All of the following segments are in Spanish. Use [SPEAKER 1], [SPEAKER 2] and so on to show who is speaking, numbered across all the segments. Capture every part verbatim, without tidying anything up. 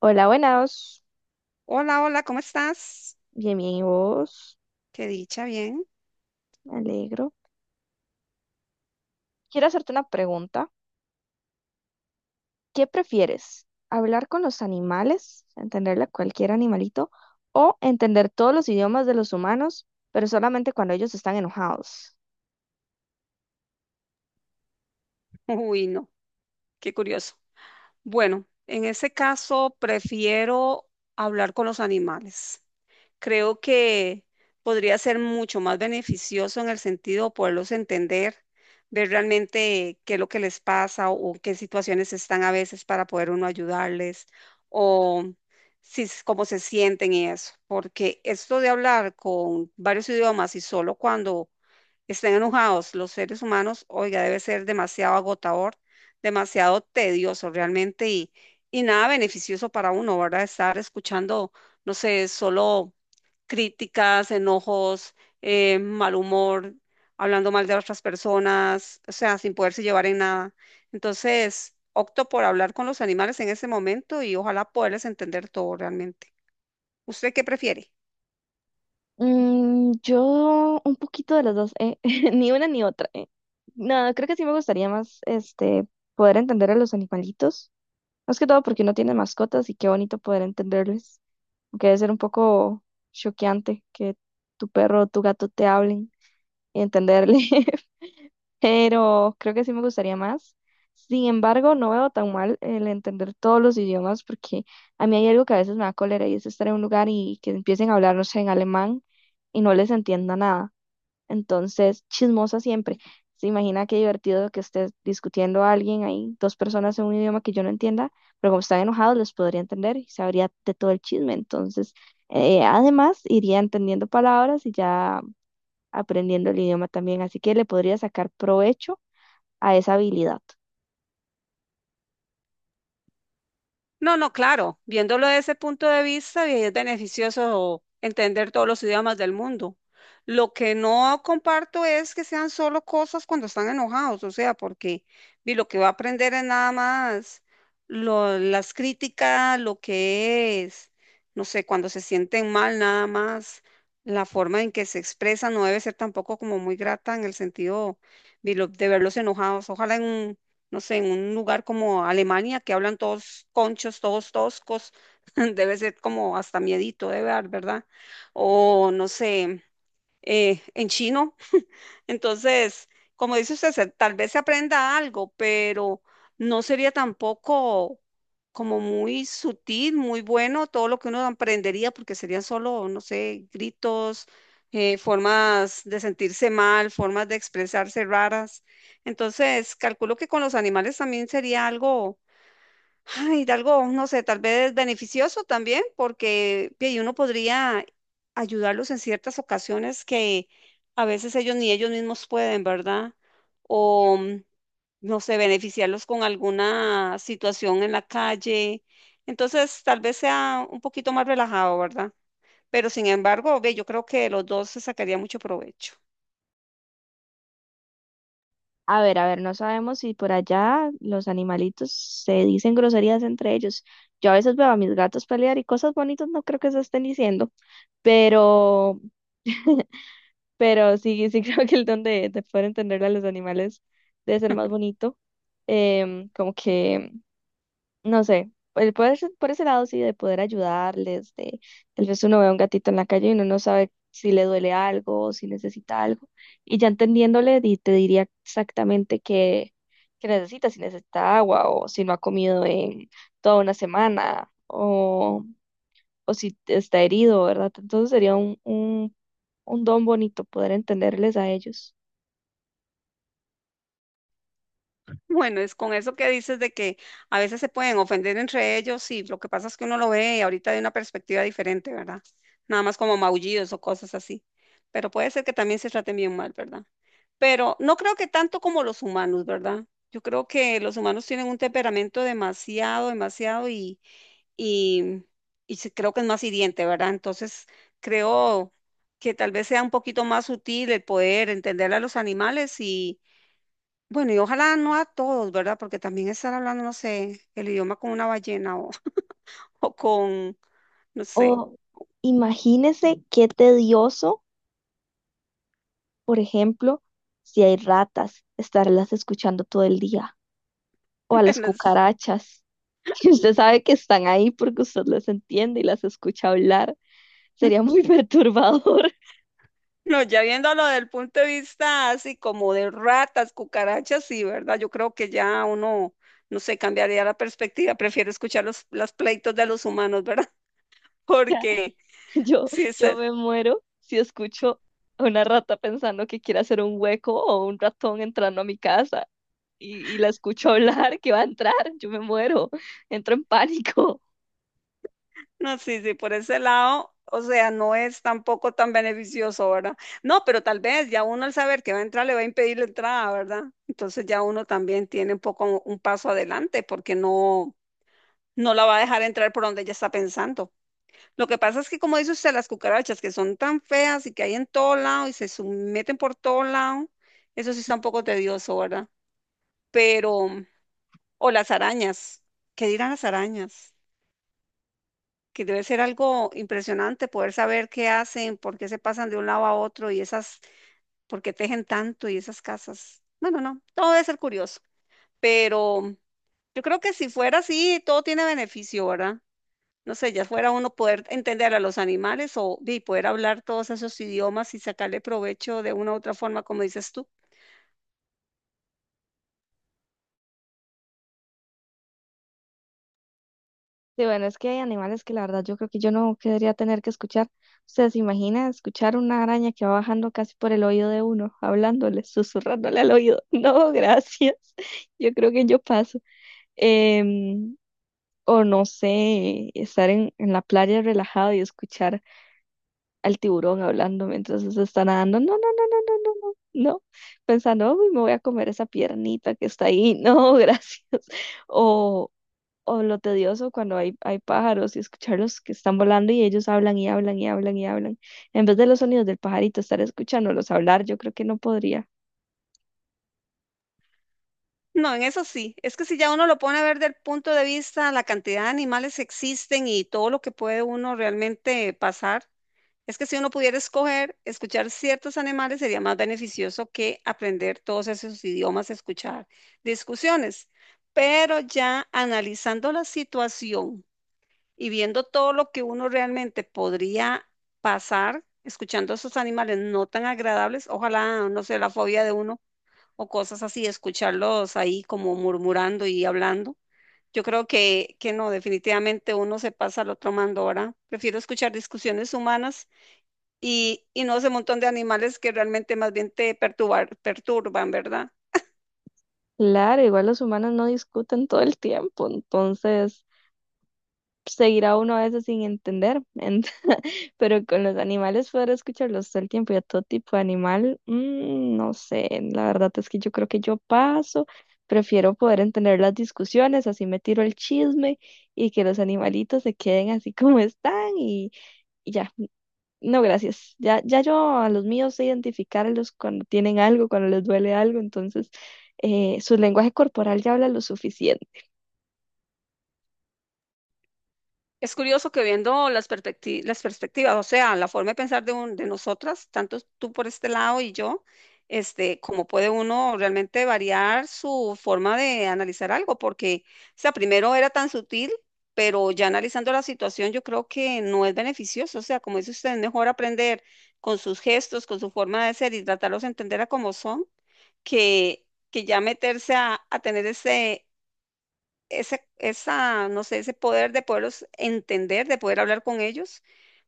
[SPEAKER 1] Hola, buenas.
[SPEAKER 2] Hola, hola, ¿cómo estás?
[SPEAKER 1] Bien, bien, ¿y vos?
[SPEAKER 2] Qué dicha, bien.
[SPEAKER 1] Me alegro. Quiero hacerte una pregunta. ¿Qué prefieres? ¿Hablar con los animales, entenderle a cualquier animalito, o entender todos los idiomas de los humanos, pero solamente cuando ellos están enojados?
[SPEAKER 2] Uy, no, qué curioso. Bueno, en ese caso prefiero hablar con los animales. Creo que podría ser mucho más beneficioso en el sentido de poderlos entender, ver realmente qué es lo que les pasa o qué situaciones están a veces para poder uno ayudarles o si, s- cómo se sienten y eso. Porque esto de hablar con varios idiomas y solo cuando estén enojados los seres humanos, oiga, debe ser demasiado agotador, demasiado tedioso realmente y, y nada beneficioso para uno, ¿verdad? Estar escuchando, no sé, solo críticas, enojos, eh, mal humor, hablando mal de otras personas, o sea, sin poderse llevar en nada. Entonces, opto por hablar con los animales en ese momento y ojalá poderles entender todo realmente. ¿Usted qué prefiere?
[SPEAKER 1] Mm, yo un poquito de las dos, eh, Ni una ni otra, eh. No, creo que sí me gustaría más, este, poder entender a los animalitos. Más que todo porque uno tiene mascotas y qué bonito poder entenderles, aunque debe ser un poco choqueante que tu perro o tu gato te hablen y entenderle. Pero creo que sí me gustaría más. Sin embargo, no veo tan mal el entender todos los idiomas porque a mí hay algo que a veces me da cólera y es estar en un lugar y que empiecen a hablar, no sé, en alemán y no les entienda nada. Entonces, chismosa siempre. Se imagina qué divertido que esté discutiendo a alguien ahí, dos personas en un idioma que yo no entienda, pero como están enojados, les podría entender y sabría de todo el chisme. Entonces, eh, además, iría entendiendo palabras y ya aprendiendo el idioma también. Así que le podría sacar provecho a esa habilidad.
[SPEAKER 2] No, no, claro, viéndolo desde ese punto de vista, bien, es beneficioso entender todos los idiomas del mundo. Lo que no comparto es que sean solo cosas cuando están enojados, o sea, porque vi, lo que va a aprender es nada más lo- las críticas, lo que es, no sé, cuando se sienten mal, nada más. La forma en que se expresa no debe ser tampoco como muy grata en el sentido vi, lo- de verlos enojados. Ojalá en un no sé, en un lugar como Alemania que hablan todos conchos, todos toscos. Debe ser como hasta miedito de ver, ¿verdad? O no sé, eh, en chino. Entonces, como dice usted, se- tal vez se aprenda algo, pero no sería tampoco como muy sutil, muy bueno todo lo que uno aprendería, porque serían solo, no sé, gritos, eh, formas de sentirse mal, formas de expresarse raras. Entonces, calculo que con los animales también sería algo. Ay, de algo, no sé, tal vez beneficioso también, porque y uno podría ayudarlos en ciertas ocasiones que a veces ellos ni ellos mismos pueden, ¿verdad? O, mm, no sé, beneficiarlos con alguna situación en la calle. Entonces, tal vez sea un poquito más relajado, ¿verdad? Pero sin embargo, ve, yo creo que de los dos se sacaría mucho provecho.
[SPEAKER 1] A ver, a ver, no sabemos si por allá los animalitos se dicen groserías entre ellos. Yo a veces veo a mis gatos pelear y cosas bonitas no creo que se estén diciendo, pero pero sí, sí, creo que el don de, de poder entenderle a los animales debe ser más bonito. Em, como que, no sé, el poder, ser- por ese lado sí, de poder ayudarles. De tal vez uno ve a un gatito en la calle y uno no sabe si le duele algo o si necesita algo. Y ya entendiéndole, di- te diría exactamente qué, qué necesita, si necesita agua o si no ha comido en toda una semana o si está herido, ¿verdad? Entonces sería un, un, un don bonito poder entenderles a ellos.
[SPEAKER 2] Bueno, es con eso que dices de que a veces se pueden ofender entre ellos y lo que pasa es que uno lo ve ahorita de una perspectiva diferente, ¿verdad? Nada más como maullidos o cosas así. Pero puede ser que también se traten bien mal, ¿verdad? Pero no creo que tanto como los humanos, ¿verdad? Yo creo que los humanos tienen un temperamento demasiado, demasiado y, y, y sí creo que es más hiriente, ¿verdad? Entonces creo que tal vez sea un poquito más sutil el poder entender a los animales y bueno, y ojalá no a todos, ¿verdad? Porque también estar hablando, no sé, el idioma con una ballena o, o con, no sé,
[SPEAKER 1] O imagínese qué tedioso, por ejemplo, si hay ratas, estarlas escuchando todo el día. O a las
[SPEAKER 2] no, s-
[SPEAKER 1] cucarachas, que usted sabe que están ahí porque usted las entiende y las escucha hablar. Sería muy perturbador.
[SPEAKER 2] no, ya viéndolo desde el punto de vista así como de ratas, cucarachas, sí, ¿verdad? Yo creo que ya uno, no sé, cambiaría la perspectiva, prefiero escuchar los, los pleitos de los humanos, ¿verdad? Porque
[SPEAKER 1] Yo,
[SPEAKER 2] sí, es.
[SPEAKER 1] yo me muero si escucho a una rata pensando que quiere hacer un hueco o un ratón entrando a mi casa. y, y la escucho hablar que va a entrar, yo me muero, entro en pánico.
[SPEAKER 2] No, sí, sí, por ese lado, o sea, no es tampoco tan beneficioso, ¿verdad? No, pero tal vez ya uno al saber que va a entrar le va a impedir la entrada, ¿verdad? Entonces ya uno también tiene un poco un paso adelante porque no, no la va a dejar entrar por donde ella está pensando. Lo que pasa es que, como dice usted, las cucarachas que son tan feas y que hay en todo lado y se meten por todo lado, eso sí está un poco tedioso, ¿verdad? Pero, o las arañas, ¿qué dirán las arañas? Que debe ser algo impresionante poder saber qué hacen, por qué se pasan de un lado a otro y esas, por qué tejen tanto y esas casas. Bueno, no, todo debe ser curioso, pero yo creo que si fuera así, todo tiene beneficio, ¿verdad? No sé, ya fuera uno poder entender a los animales o y poder hablar todos esos idiomas y sacarle provecho de una u otra forma, como dices tú.
[SPEAKER 1] Sí, bueno, es que hay animales que la verdad yo creo que yo no querría tener que escuchar. O sea, ¿se imagina escuchar una araña que va bajando casi por el oído de uno, hablándole, susurrándole al oído? No, gracias. Yo creo que yo paso. Em, o no sé, estar en, en la playa relajado y escuchar al tiburón hablando mientras se está nadando. No, no, no, no, no, no, no, no. Pensando, uy, me voy a comer esa piernita que está ahí. No, gracias. O, o lo tedioso cuando hay, hay pájaros y escucharlos que están volando y ellos hablan y hablan y hablan y hablan. En vez de los sonidos del pajarito, estar escuchándolos hablar, yo creo que no podría.
[SPEAKER 2] No, en eso sí. Es que si ya uno lo pone a ver del punto de vista, la cantidad de animales que existen y todo lo que puede uno realmente pasar. Es que si uno pudiera escoger, escuchar ciertos animales sería más beneficioso que aprender todos esos idiomas, escuchar discusiones. Pero ya analizando la situación y viendo todo lo que uno realmente podría pasar escuchando a esos animales no tan agradables, ojalá, no sé, la fobia de uno o cosas así, escucharlos ahí como murmurando y hablando. Yo creo que, que no, definitivamente uno se pasa al otro mando ahora. Prefiero escuchar discusiones humanas y, y no ese montón de animales que realmente más bien te perturbar- perturban, ¿verdad?
[SPEAKER 1] Claro, igual los humanos no discuten todo el tiempo, entonces seguirá uno a veces sin entender, en- pero con los animales poder escucharlos todo el tiempo y a todo tipo de animal, mm, no sé, la verdad es que yo creo que yo paso, prefiero poder entender las discusiones, así me tiro el chisme y que los animalitos se queden así como están y, y ya. No, gracias. Ya, ya yo a los míos sé identificarlos cuando tienen algo, cuando les duele algo. Entonces, eh, su lenguaje corporal ya habla lo suficiente.
[SPEAKER 2] Es curioso que viendo las perspecti- las perspectivas, o sea, la forma de pensar de, un, de nosotras, tanto tú por este lado y yo, este, cómo puede uno realmente variar su forma de analizar algo, porque, o sea, primero era tan sutil, pero ya analizando la situación, yo creo que no es beneficioso, o sea, como dice usted, es mejor aprender con sus gestos, con su forma de ser y tratarlos de entender a cómo son que, que ya meterse a, a tener ese, ese, esa, no sé, ese poder de poderlos entender, de poder hablar con ellos,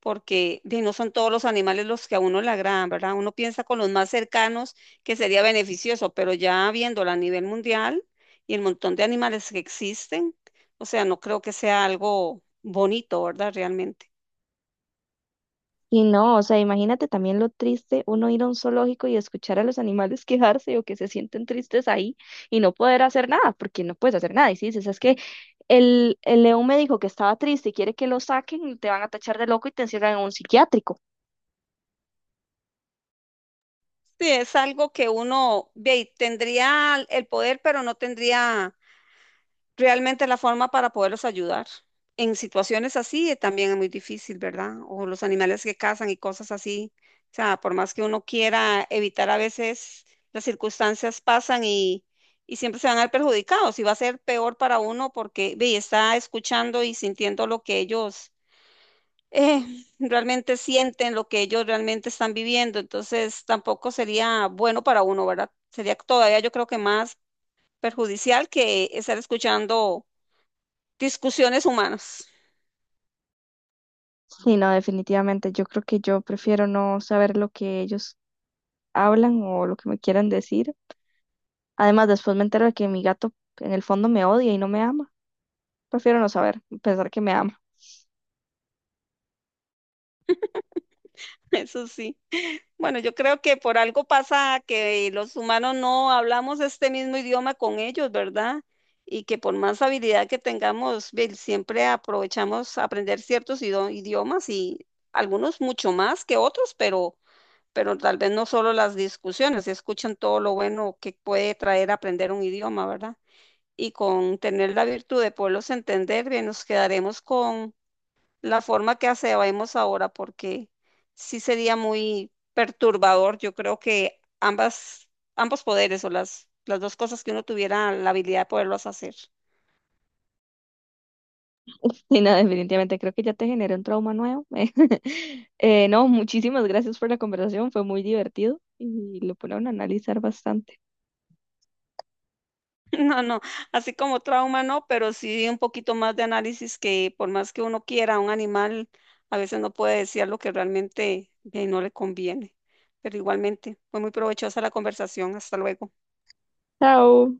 [SPEAKER 2] porque de, no son todos los animales los que a uno le agradan, ¿verdad? Uno piensa con los más cercanos que sería beneficioso, pero ya viéndolo a nivel mundial y el montón de animales que existen, o sea, no creo que sea algo bonito, ¿verdad? Realmente.
[SPEAKER 1] Y no, o sea, imagínate también lo triste uno ir a un zoológico y escuchar a los animales quejarse o que se sienten tristes ahí y no poder hacer nada, porque no puedes hacer nada. Y si dices, es que el, el león me dijo que estaba triste y quiere que lo saquen, te van a tachar de loco y te encierran en un psiquiátrico.
[SPEAKER 2] Sí, es algo que uno ve, tendría el poder, pero no tendría realmente la forma para poderlos ayudar. En situaciones así eh, también es muy difícil, ¿verdad? O los animales que cazan y cosas así. O sea, por más que uno quiera evitar a veces, las circunstancias pasan y, y siempre se van a ver perjudicados y va a ser peor para uno porque ve, está escuchando y sintiendo lo que ellos eh, realmente sienten, lo que ellos realmente están viviendo. Entonces tampoco sería bueno para uno, ¿verdad? Sería todavía yo creo que más perjudicial que estar escuchando discusiones humanas.
[SPEAKER 1] Sí, no, definitivamente, yo creo que yo prefiero no saber lo que ellos hablan o lo que me quieran decir. Además, después me entero de que mi gato en el fondo me odia y no me ama. Prefiero no saber, pensar que me ama.
[SPEAKER 2] Eso sí. Bueno, yo creo que por algo pasa que los humanos no hablamos este mismo idioma con ellos, ¿verdad? Y que por más habilidad que tengamos, ve, siempre aprovechamos aprender ciertos ido- idiomas y algunos mucho más que otros, pero, pero tal vez no solo las discusiones, escuchan todo lo bueno que puede traer aprender un idioma, ¿verdad? Y con tener la virtud de poderlos entender, bien, nos quedaremos con la forma que hacemos ahora, porque sí sería muy perturbador. Yo creo que ambas, ambos poderes o las, las dos cosas que uno tuviera la habilidad de poderlos hacer.
[SPEAKER 1] Sí, no, definitivamente creo que ya te generé un trauma nuevo. Eh, no, muchísimas gracias por la conversación, fue muy divertido y lo pone a uno a analizar bastante.
[SPEAKER 2] No, no, así como trauma no, pero sí un poquito más de análisis que por más que uno quiera, un animal a veces no puede decir lo que realmente eh, no le conviene. Pero igualmente, fue muy provechosa la conversación. Hasta luego.
[SPEAKER 1] Chao.